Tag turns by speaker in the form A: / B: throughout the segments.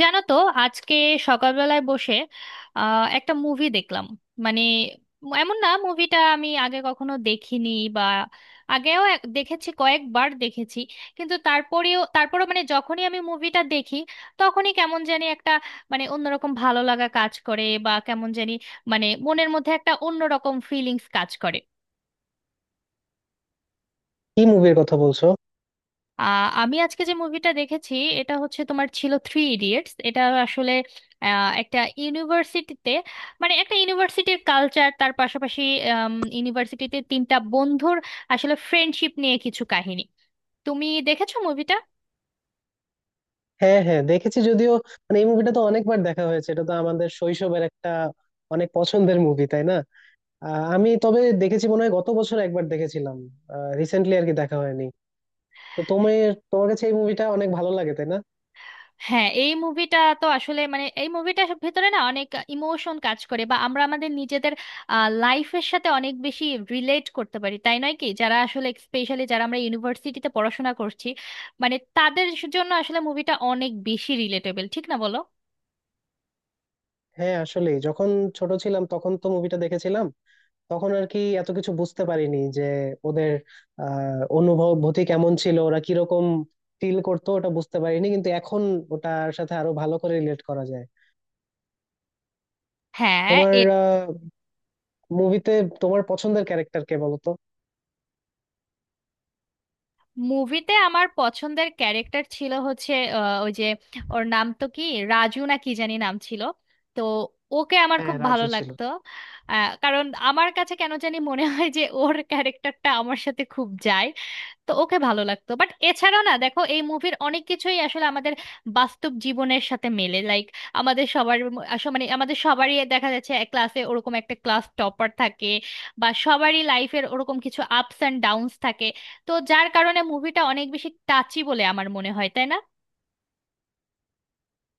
A: জানো তো, আজকে সকালবেলায় বসে একটা মুভি দেখলাম। মানে, এমন না মুভিটা আমি আগে কখনো দেখিনি, বা আগেও দেখেছি, কয়েকবার দেখেছি। কিন্তু তারপরও মানে যখনই আমি মুভিটা দেখি, তখনই কেমন জানি একটা, মানে অন্যরকম ভালো লাগা কাজ করে, বা কেমন জানি মানে মনের মধ্যে একটা অন্যরকম ফিলিংস কাজ করে।
B: কি মুভির কথা বলছো?
A: আমি আজকে যে মুভিটা দেখেছি এটা হচ্ছে তোমার ছিল থ্রি ইডিয়েটস। এটা আসলে একটা ইউনিভার্সিটিতে, মানে একটা ইউনিভার্সিটির কালচার, তার পাশাপাশি ইউনিভার্সিটিতে তিনটা বন্ধুর আসলে ফ্রেন্ডশিপ নিয়ে কিছু কাহিনী। তুমি দেখেছো মুভিটা?
B: হ্যাঁ, হ্যাঁ দেখেছি যদিও। মানে এই মুভিটা তো অনেকবার দেখা হয়েছে, এটা তো আমাদের শৈশবের একটা অনেক পছন্দের মুভি, তাই না? আমি তবে দেখেছি মনে হয় গত বছর একবার দেখেছিলাম, রিসেন্টলি আর কি দেখা হয়নি। তো তোমার তোমার কাছে এই মুভিটা অনেক ভালো লাগে, তাই না?
A: হ্যাঁ, এই মুভিটা তো আসলে মানে এই মুভিটার ভেতরে না অনেক ইমোশন কাজ করে, বা আমরা আমাদের নিজেদের লাইফের সাথে অনেক বেশি রিলেট করতে পারি, তাই নয় কি? যারা আসলে স্পেশালি যারা আমরা ইউনিভার্সিটিতে পড়াশোনা করছি, মানে তাদের জন্য আসলে মুভিটা অনেক বেশি রিলেটেবল, ঠিক না বলো?
B: হ্যাঁ, আসলে যখন ছোট ছিলাম তখন তো মুভিটা দেখেছিলাম, তখন আর কি এত কিছু বুঝতে পারিনি যে ওদের অনুভূতি কেমন ছিল, ওরা কিরকম ফিল করতো ওটা বুঝতে পারিনি, কিন্তু এখন ওটার সাথে আরো ভালো করে রিলেট করা যায়।
A: হ্যাঁ,
B: তোমার মুভিতে তোমার পছন্দের ক্যারেক্টার কে বলো তো?
A: মুভিতে আমার পছন্দের ক্যারেক্টার ছিল হচ্ছে ওই যে, ওর নাম তো কি, রাজু না কি জানি নাম ছিল। তো ওকে আমার
B: হ্যাঁ,
A: খুব ভালো
B: রাজু ছিল।
A: লাগতো। কারণ আমার কাছে কেন জানি মনে হয় যে ওর ক্যারেক্টারটা আমার সাথে খুব যায়, তো ওকে ভালো লাগতো। বাট এছাড়াও না দেখো এই মুভির অনেক কিছুই আসলে আমাদের বাস্তব জীবনের সাথে মেলে, লাইক আমাদের সবার মানে আমাদের সবারই দেখা যাচ্ছে এক ক্লাসে ওরকম একটা ক্লাস টপার থাকে, বা সবারই লাইফের ওরকম কিছু আপস অ্যান্ড ডাউনস থাকে। তো যার কারণে মুভিটা অনেক বেশি টাচি বলে আমার মনে হয়, তাই না?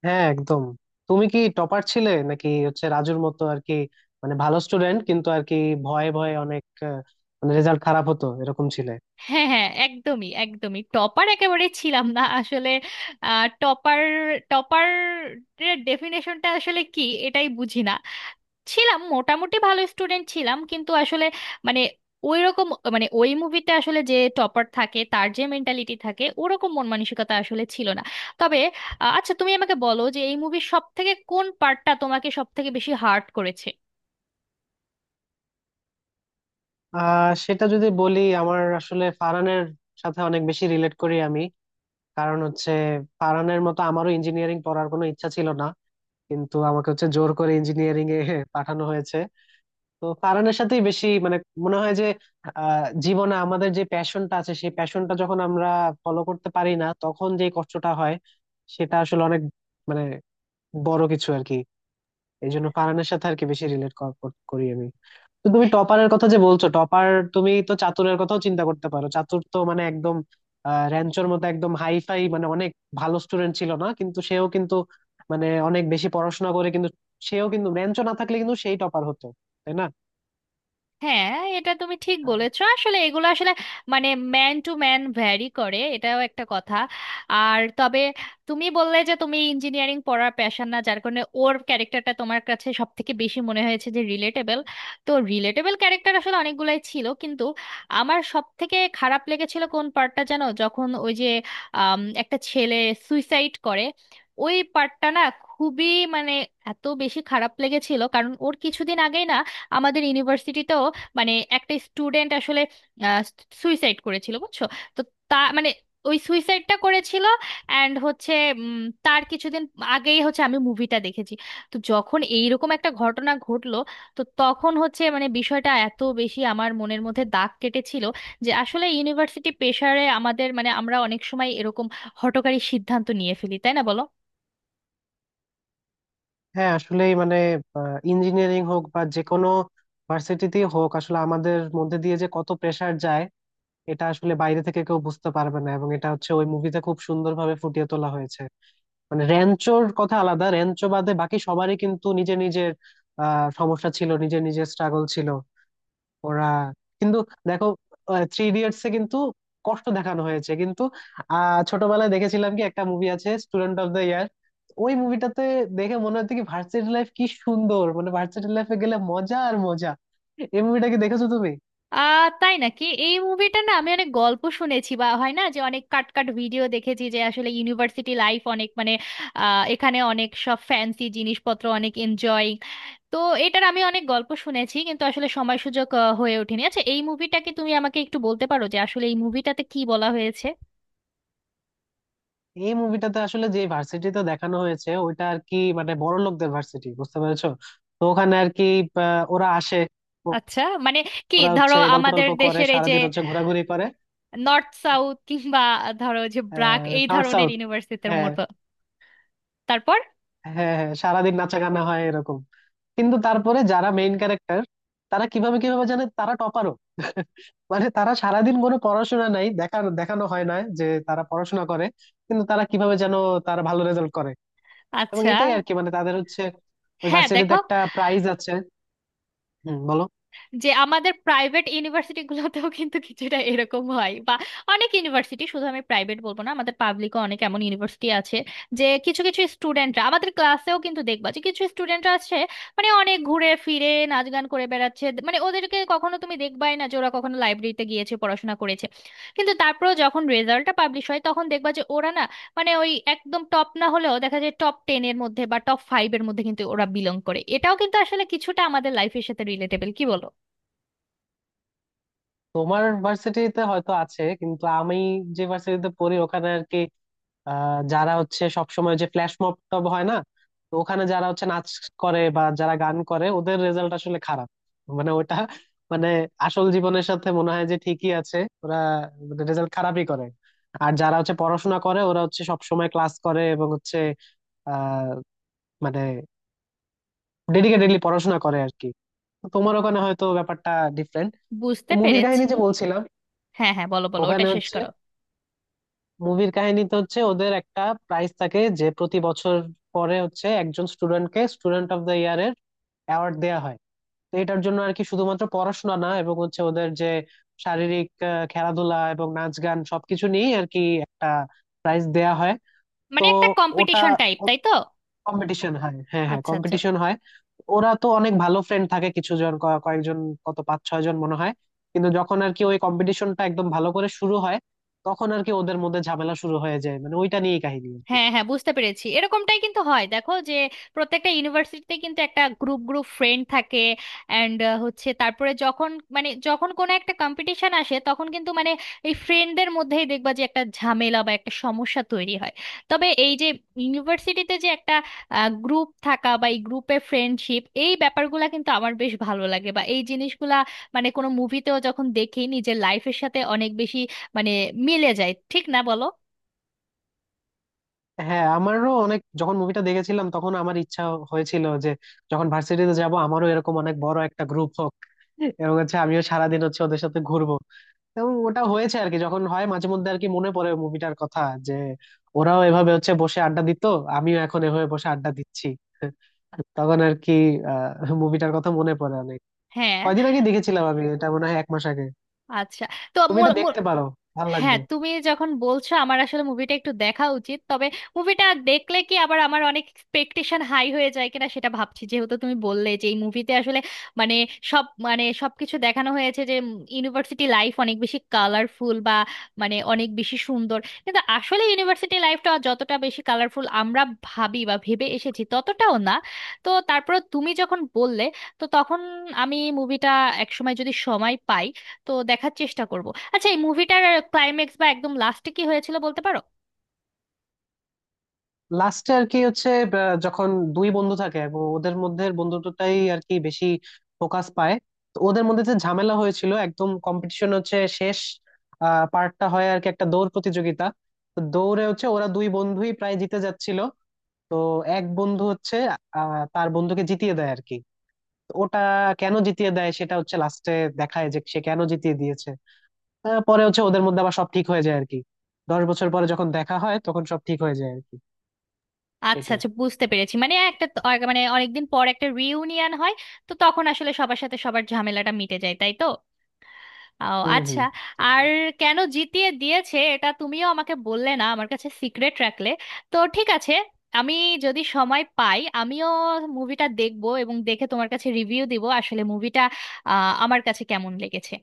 B: হ্যাঁ, একদম। তুমি কি টপার ছিলে নাকি হচ্ছে রাজুর মতো আর কি, মানে ভালো স্টুডেন্ট কিন্তু আর কি ভয়ে ভয়ে অনেক, মানে রেজাল্ট খারাপ হতো এরকম ছিলে?
A: হ্যাঁ হ্যাঁ, একদমই একদমই টপার একেবারে ছিলাম না আসলে। টপার টপার ডেফিনেশনটা আসলে কি এটাই বুঝি না। ছিলাম, মোটামুটি ভালো স্টুডেন্ট ছিলাম কিন্তু আসলে, মানে ওই রকম, মানে ওই মুভিতে আসলে যে টপার থাকে তার যে মেন্টালিটি থাকে ওরকম মন মানসিকতা আসলে ছিল না। তবে, আচ্ছা তুমি আমাকে বলো যে এই মুভির সব থেকে কোন পার্টটা তোমাকে সব থেকে বেশি হার্ট করেছে?
B: সেটা যদি বলি, আমার আসলে ফারহানের সাথে অনেক বেশি রিলেট করি আমি। কারণ হচ্ছে ফারহানের মতো আমারও ইঞ্জিনিয়ারিং পড়ার কোনো ইচ্ছা ছিল না, কিন্তু আমাকে হচ্ছে জোর করে ইঞ্জিনিয়ারিং এ পাঠানো হয়েছে। তো কারণের সাথেই বেশি মানে মনে হয় যে জীবনে আমাদের যে প্যাশনটা আছে সেই প্যাশনটা যখন আমরা ফলো করতে পারি না, তখন যে কষ্টটা হয় সেটা আসলে অনেক মানে বড় কিছু আর কি। এই জন্য ফারহানের সাথে আর কি বেশি রিলেট করি আমি। তো তুমি টপারের কথা যে বলছো, টপার তুমি তো চাতুরের কথাও চিন্তা করতে পারো। চাতুর তো মানে একদম র্যাঞ্চোর মতো একদম হাই ফাই মানে অনেক ভালো স্টুডেন্ট ছিল না, কিন্তু সেও কিন্তু মানে অনেক বেশি পড়াশোনা করে, কিন্তু সেও কিন্তু র্যাঞ্চো না থাকলে কিন্তু সেই টপার হতো, তাই না?
A: হ্যাঁ, এটা তুমি ঠিক বলেছো। আসলে এগুলো আসলে, মানে ম্যান টু ম্যান ভ্যারি করে, এটাও একটা কথা। আর তবে, তুমি বললে যে তুমি ইঞ্জিনিয়ারিং পড়ার প্যাশন না, যার কারণে ওর ক্যারেক্টারটা তোমার কাছে সব থেকে বেশি মনে হয়েছে যে রিলেটেবল। তো রিলেটেবল ক্যারেক্টার আসলে অনেকগুলাই ছিল, কিন্তু আমার সব থেকে খারাপ লেগেছিল কোন পার্টটা জানো? যখন ওই যে একটা ছেলে সুইসাইড করে, ওই পার্টটা না খুবই, মানে এত বেশি খারাপ লেগেছিল, কারণ ওর কিছুদিন আগেই না আমাদের ইউনিভার্সিটিতেও, মানে একটা স্টুডেন্ট আসলে সুইসাইড করেছিল, বুঝছো। তো তা মানে ওই সুইসাইডটা করেছিল, অ্যান্ড হচ্ছে উম, তার কিছুদিন আগেই হচ্ছে আমি মুভিটা দেখেছি। তো যখন এইরকম একটা ঘটনা ঘটলো, তো তখন হচ্ছে মানে বিষয়টা এত বেশি আমার মনের মধ্যে দাগ কেটেছিল যে আসলে ইউনিভার্সিটি প্রেশারে আমাদের মানে আমরা অনেক সময় এরকম হঠকারী সিদ্ধান্ত নিয়ে ফেলি, তাই না বলো?
B: হ্যাঁ, আসলেই মানে ইঞ্জিনিয়ারিং হোক বা যে কোনো ভার্সিটিতেই হোক, আসলে আমাদের মধ্যে দিয়ে যে কত প্রেসার যায় এটা আসলে বাইরে থেকে কেউ বুঝতে পারবে না, এবং এটা হচ্ছে ওই মুভিতে খুব সুন্দরভাবে ফুটিয়ে তোলা হয়েছে। মানে র্যাঞ্চোর কথা আলাদা, র্যাঞ্চো বাদে বাকি সবারই কিন্তু নিজের নিজের সমস্যা ছিল, নিজের নিজের স্ট্রাগল ছিল ওরা, কিন্তু দেখো থ্রি ইডিয়টস এ কিন্তু কষ্ট দেখানো হয়েছে, কিন্তু ছোটবেলায় দেখেছিলাম কি একটা মুভি আছে, স্টুডেন্ট অফ দ্য ইয়ার। ওই মুভিটাতে দেখে মনে হতো কি ভার্সিটি লাইফ কি সুন্দর, মানে ভার্সিটি লাইফে গেলে মজা আর মজা। এই মুভিটা কি দেখেছো তুমি?
A: তাই নাকি! এই মুভিটা না আমি অনেক গল্প শুনেছি, বা হয় না যে অনেক কাট কাট ভিডিও দেখেছি যে আসলে ইউনিভার্সিটি লাইফ অনেক মানে এখানে অনেক সব ফ্যান্সি জিনিসপত্র অনেক এনজয়। তো এটার আমি অনেক গল্প শুনেছি, কিন্তু আসলে সময় সুযোগ হয়ে ওঠেনি। আচ্ছা এই মুভিটাকে তুমি আমাকে একটু বলতে পারো যে আসলে এই মুভিটাতে কি বলা হয়েছে?
B: এই মুভিটাতে আসলে যে ভার্সিটিতে দেখানো হয়েছে ওইটা আর কি মানে বড় লোকদের ভার্সিটি, বুঝতে পেরেছো? তো ওখানে আর কি ওরা আসে, ও-
A: আচ্ছা, মানে কি
B: ওরা
A: ধরো
B: হচ্ছে গল্প
A: আমাদের
B: টল্প করে,
A: দেশের এই যে
B: সারাদিন হচ্ছে ঘোরাঘুরি করে।
A: নর্থ সাউথ কিংবা ধরো যে ব্রাক এই
B: নর্থ
A: ধরনের
B: সাউথ,
A: ইউনিভার্সিটির
B: হ্যাঁ
A: মতো? তারপর?
B: হ্যাঁ হ্যাঁ হ্যাঁ, সারাদিন নাচা গানা হয় এরকম। কিন্তু তারপরে যারা মেইন ক্যারেক্টার, তারা কিভাবে কিভাবে জানে তারা টপারও। মানে তারা সারাদিন কোনো পড়াশোনা নাই, দেখা দেখানো হয় না যে তারা পড়াশোনা করে, কিন্তু তারা কিভাবে যেন তারা ভালো রেজাল্ট করে। এবং
A: আচ্ছা।
B: এটাই আর কি মানে তাদের হচ্ছে ওই
A: হ্যাঁ
B: ভার্সিটিতে
A: দেখো
B: একটা প্রাইজ আছে। হুম, বলো।
A: যে আমাদের প্রাইভেট ইউনিভার্সিটিগুলোতেও কিন্তু কিছুটা এরকম হয়, বা অনেক ইউনিভার্সিটি, শুধু আমি প্রাইভেট বলবো না, আমাদের পাবলিকও অনেক এমন ইউনিভার্সিটি আছে যে কিছু কিছু স্টুডেন্টরা, আমাদের ক্লাসেও কিন্তু দেখবা যে কিছু স্টুডেন্টরা আছে মানে অনেক ঘুরে ফিরে নাচ গান করে বেড়াচ্ছে, মানে ওদেরকে কখনো তুমি দেখবাই না যে ওরা কখনো লাইব্রেরিতে গিয়েছে পড়াশোনা করেছে। কিন্তু তারপরেও যখন রেজাল্টটা পাবলিশ হয় তখন দেখবা যে ওরা না, মানে ওই একদম টপ না হলেও দেখা যায় টপ টেন এর মধ্যে বা টপ ফাইভ এর মধ্যে কিন্তু ওরা বিলং করে। এটাও কিন্তু আসলে কিছুটা আমাদের লাইফের সাথে রিলেটেবল, কি বলো?
B: তোমার ভার্সিটিতে হয়তো আছে, কিন্তু আমি যে ভার্সিটিতে পড়ি ওখানে আর কি যারা হচ্ছে সবসময় যে ফ্ল্যাশ মব টব হয় না, তো ওখানে যারা হচ্ছে নাচ করে বা যারা গান করে ওদের রেজাল্ট আসলে খারাপ। মানে ওটা মানে আসল জীবনের সাথে মনে হয় যে ঠিকই আছে, ওরা রেজাল্ট খারাপই করে। আর যারা হচ্ছে পড়াশোনা করে ওরা হচ্ছে সবসময় ক্লাস করে, এবং হচ্ছে আহ মানে ডেডিকেটেডলি পড়াশোনা করে আর কি। তো তোমার ওখানে হয়তো ব্যাপারটা ডিফারেন্ট। তো
A: বুঝতে
B: মুভির কাহিনী
A: পেরেছি।
B: যে বলছিলাম,
A: হ্যাঁ হ্যাঁ, বলো বলো, ওটা
B: ওখানে
A: শেষ
B: হচ্ছে
A: করো।
B: মুভির কাহিনীতে হচ্ছে ওদের একটা প্রাইজ থাকে যে প্রতি বছর পরে হচ্ছে একজন স্টুডেন্টকে স্টুডেন্ট অফ দ্য ইয়ার এর অ্যাওয়ার্ড দেওয়া হয়। তো এটার জন্য আর কি শুধুমাত্র পড়াশোনা না, এবং হচ্ছে ওদের যে শারীরিক খেলাধুলা এবং নাচ গান সবকিছু নিয়ে আর কি একটা প্রাইজ দেয়া হয়। তো
A: মানে একটা
B: ওটা
A: কম্পিটিশন টাইপ, তাই তো?
B: কম্পিটিশন হয়, হ্যাঁ হ্যাঁ
A: আচ্ছা আচ্ছা।
B: কম্পিটিশন হয়। ওরা তো অনেক ভালো ফ্রেন্ড থাকে কিছু জন, কয়েকজন, কত পাঁচ ছয় জন মনে হয়। কিন্তু যখন আর কি ওই কম্পিটিশনটা একদম ভালো করে শুরু হয় তখন আর কি ওদের মধ্যে ঝামেলা শুরু হয়ে যায়, মানে ওইটা নিয়েই কাহিনী আর কি।
A: হ্যাঁ হ্যাঁ, বুঝতে পেরেছি। এরকমটাই কিন্তু হয়, দেখো যে প্রত্যেকটা ইউনিভার্সিটিতে কিন্তু একটা গ্রুপ গ্রুপ ফ্রেন্ড থাকে। অ্যান্ড হচ্ছে তারপরে যখন, মানে যখন কোনো একটা কম্পিটিশন আসে তখন কিন্তু মানে এই ফ্রেন্ডদের মধ্যেই দেখবা যে একটা ঝামেলা বা একটা সমস্যা তৈরি হয়। তবে এই যে ইউনিভার্সিটিতে যে একটা গ্রুপ থাকা, বা এই গ্রুপে ফ্রেন্ডশিপ, এই ব্যাপারগুলা কিন্তু আমার বেশ ভালো লাগে, বা এই জিনিসগুলা মানে কোনো মুভিতেও যখন দেখি নিজের লাইফের সাথে অনেক বেশি মানে মিলে যায়, ঠিক না বলো?
B: হ্যাঁ, আমারও অনেক যখন মুভিটা দেখেছিলাম তখন আমার ইচ্ছা হয়েছিল যে যখন ভার্সিটিতে যাব আমারও এরকম অনেক বড় একটা গ্রুপ হোক, এবং হচ্ছে আমিও সারাদিন হচ্ছে ওদের সাথে ঘুরবো। এবং ওটা হয়েছে আর কি, যখন হয় মাঝে মধ্যে আর কি মনে পড়ে মুভিটার কথা যে ওরাও এভাবে হচ্ছে বসে আড্ডা দিত, আমিও এখন এভাবে বসে আড্ডা দিচ্ছি। তখন আর কি মুভিটার কথা মনে পড়ে অনেক।
A: হ্যাঁ।
B: কয়দিন আগে দেখেছিলাম আমি এটা, মনে হয় 1 মাস আগে।
A: আচ্ছা, তো
B: তুমি
A: মূল
B: এটা
A: মূল।
B: দেখতে পারো, ভালো লাগবে।
A: হ্যাঁ, তুমি যখন বলছো আমার আসলে মুভিটা একটু দেখা উচিত। তবে মুভিটা দেখলে কি আবার আমার অনেক এক্সপেকটেশন হাই হয়ে যায় কিনা সেটা ভাবছি, যেহেতু তুমি বললে যে এই মুভিতে আসলে, মানে সব মানে সবকিছু দেখানো হয়েছে যে ইউনিভার্সিটি লাইফ অনেক বেশি কালারফুল, বা মানে অনেক বেশি সুন্দর। কিন্তু আসলে ইউনিভার্সিটি লাইফটা যতটা বেশি কালারফুল আমরা ভাবি বা ভেবে এসেছি ততটাও না। তো তারপরে তুমি যখন বললে, তো তখন আমি মুভিটা একসময় যদি সময় পাই তো দেখার চেষ্টা করব। আচ্ছা, এই মুভিটার ক্লাইম্যাক্স বা একদম লাস্টে কি হয়েছিল বলতে পারো?
B: লাস্টে আর কি হচ্ছে আহ, যখন দুই বন্ধু থাকে এবং ওদের মধ্যে বন্ধুত্বটাই আর কি বেশি ফোকাস পায়। তো ওদের মধ্যে যে ঝামেলা হয়েছিল একদম কম্পিটিশন হচ্ছে শেষ পার্টটা হয় আর কি একটা দৌড় প্রতিযোগিতা। তো দৌড়ে হচ্ছে ওরা দুই বন্ধুই প্রায় জিতে যাচ্ছিল। তো এক বন্ধু হচ্ছে তার বন্ধুকে জিতিয়ে দেয় আর কি। তো ওটা কেন জিতিয়ে দেয় সেটা হচ্ছে লাস্টে দেখায় যে সে কেন জিতিয়ে দিয়েছে। পরে হচ্ছে ওদের মধ্যে আবার সব ঠিক হয়ে যায় আর কি, 10 বছর পরে যখন দেখা হয় তখন সব ঠিক হয়ে যায় আর কি।
A: আচ্ছা
B: এটাই।
A: আচ্ছা, বুঝতে পেরেছি। মানে একটা আর মানে অনেকদিন পর একটা রিউনিয়ন হয়, তো তখন আসলে সবার সাথে সবার ঝামেলাটা মিটে যায়, তাই তো?
B: হুম,
A: আচ্ছা।
B: হুম।
A: আর
B: জঙ্গল।
A: কেন জিতিয়ে দিয়েছে এটা তুমিও আমাকে বললে না, আমার কাছে সিক্রেট রাখলে। তো ঠিক আছে, আমি যদি সময় পাই আমিও মুভিটা দেখবো, এবং দেখে তোমার কাছে রিভিউ দিব আসলে মুভিটা আমার কাছে কেমন লেগেছে।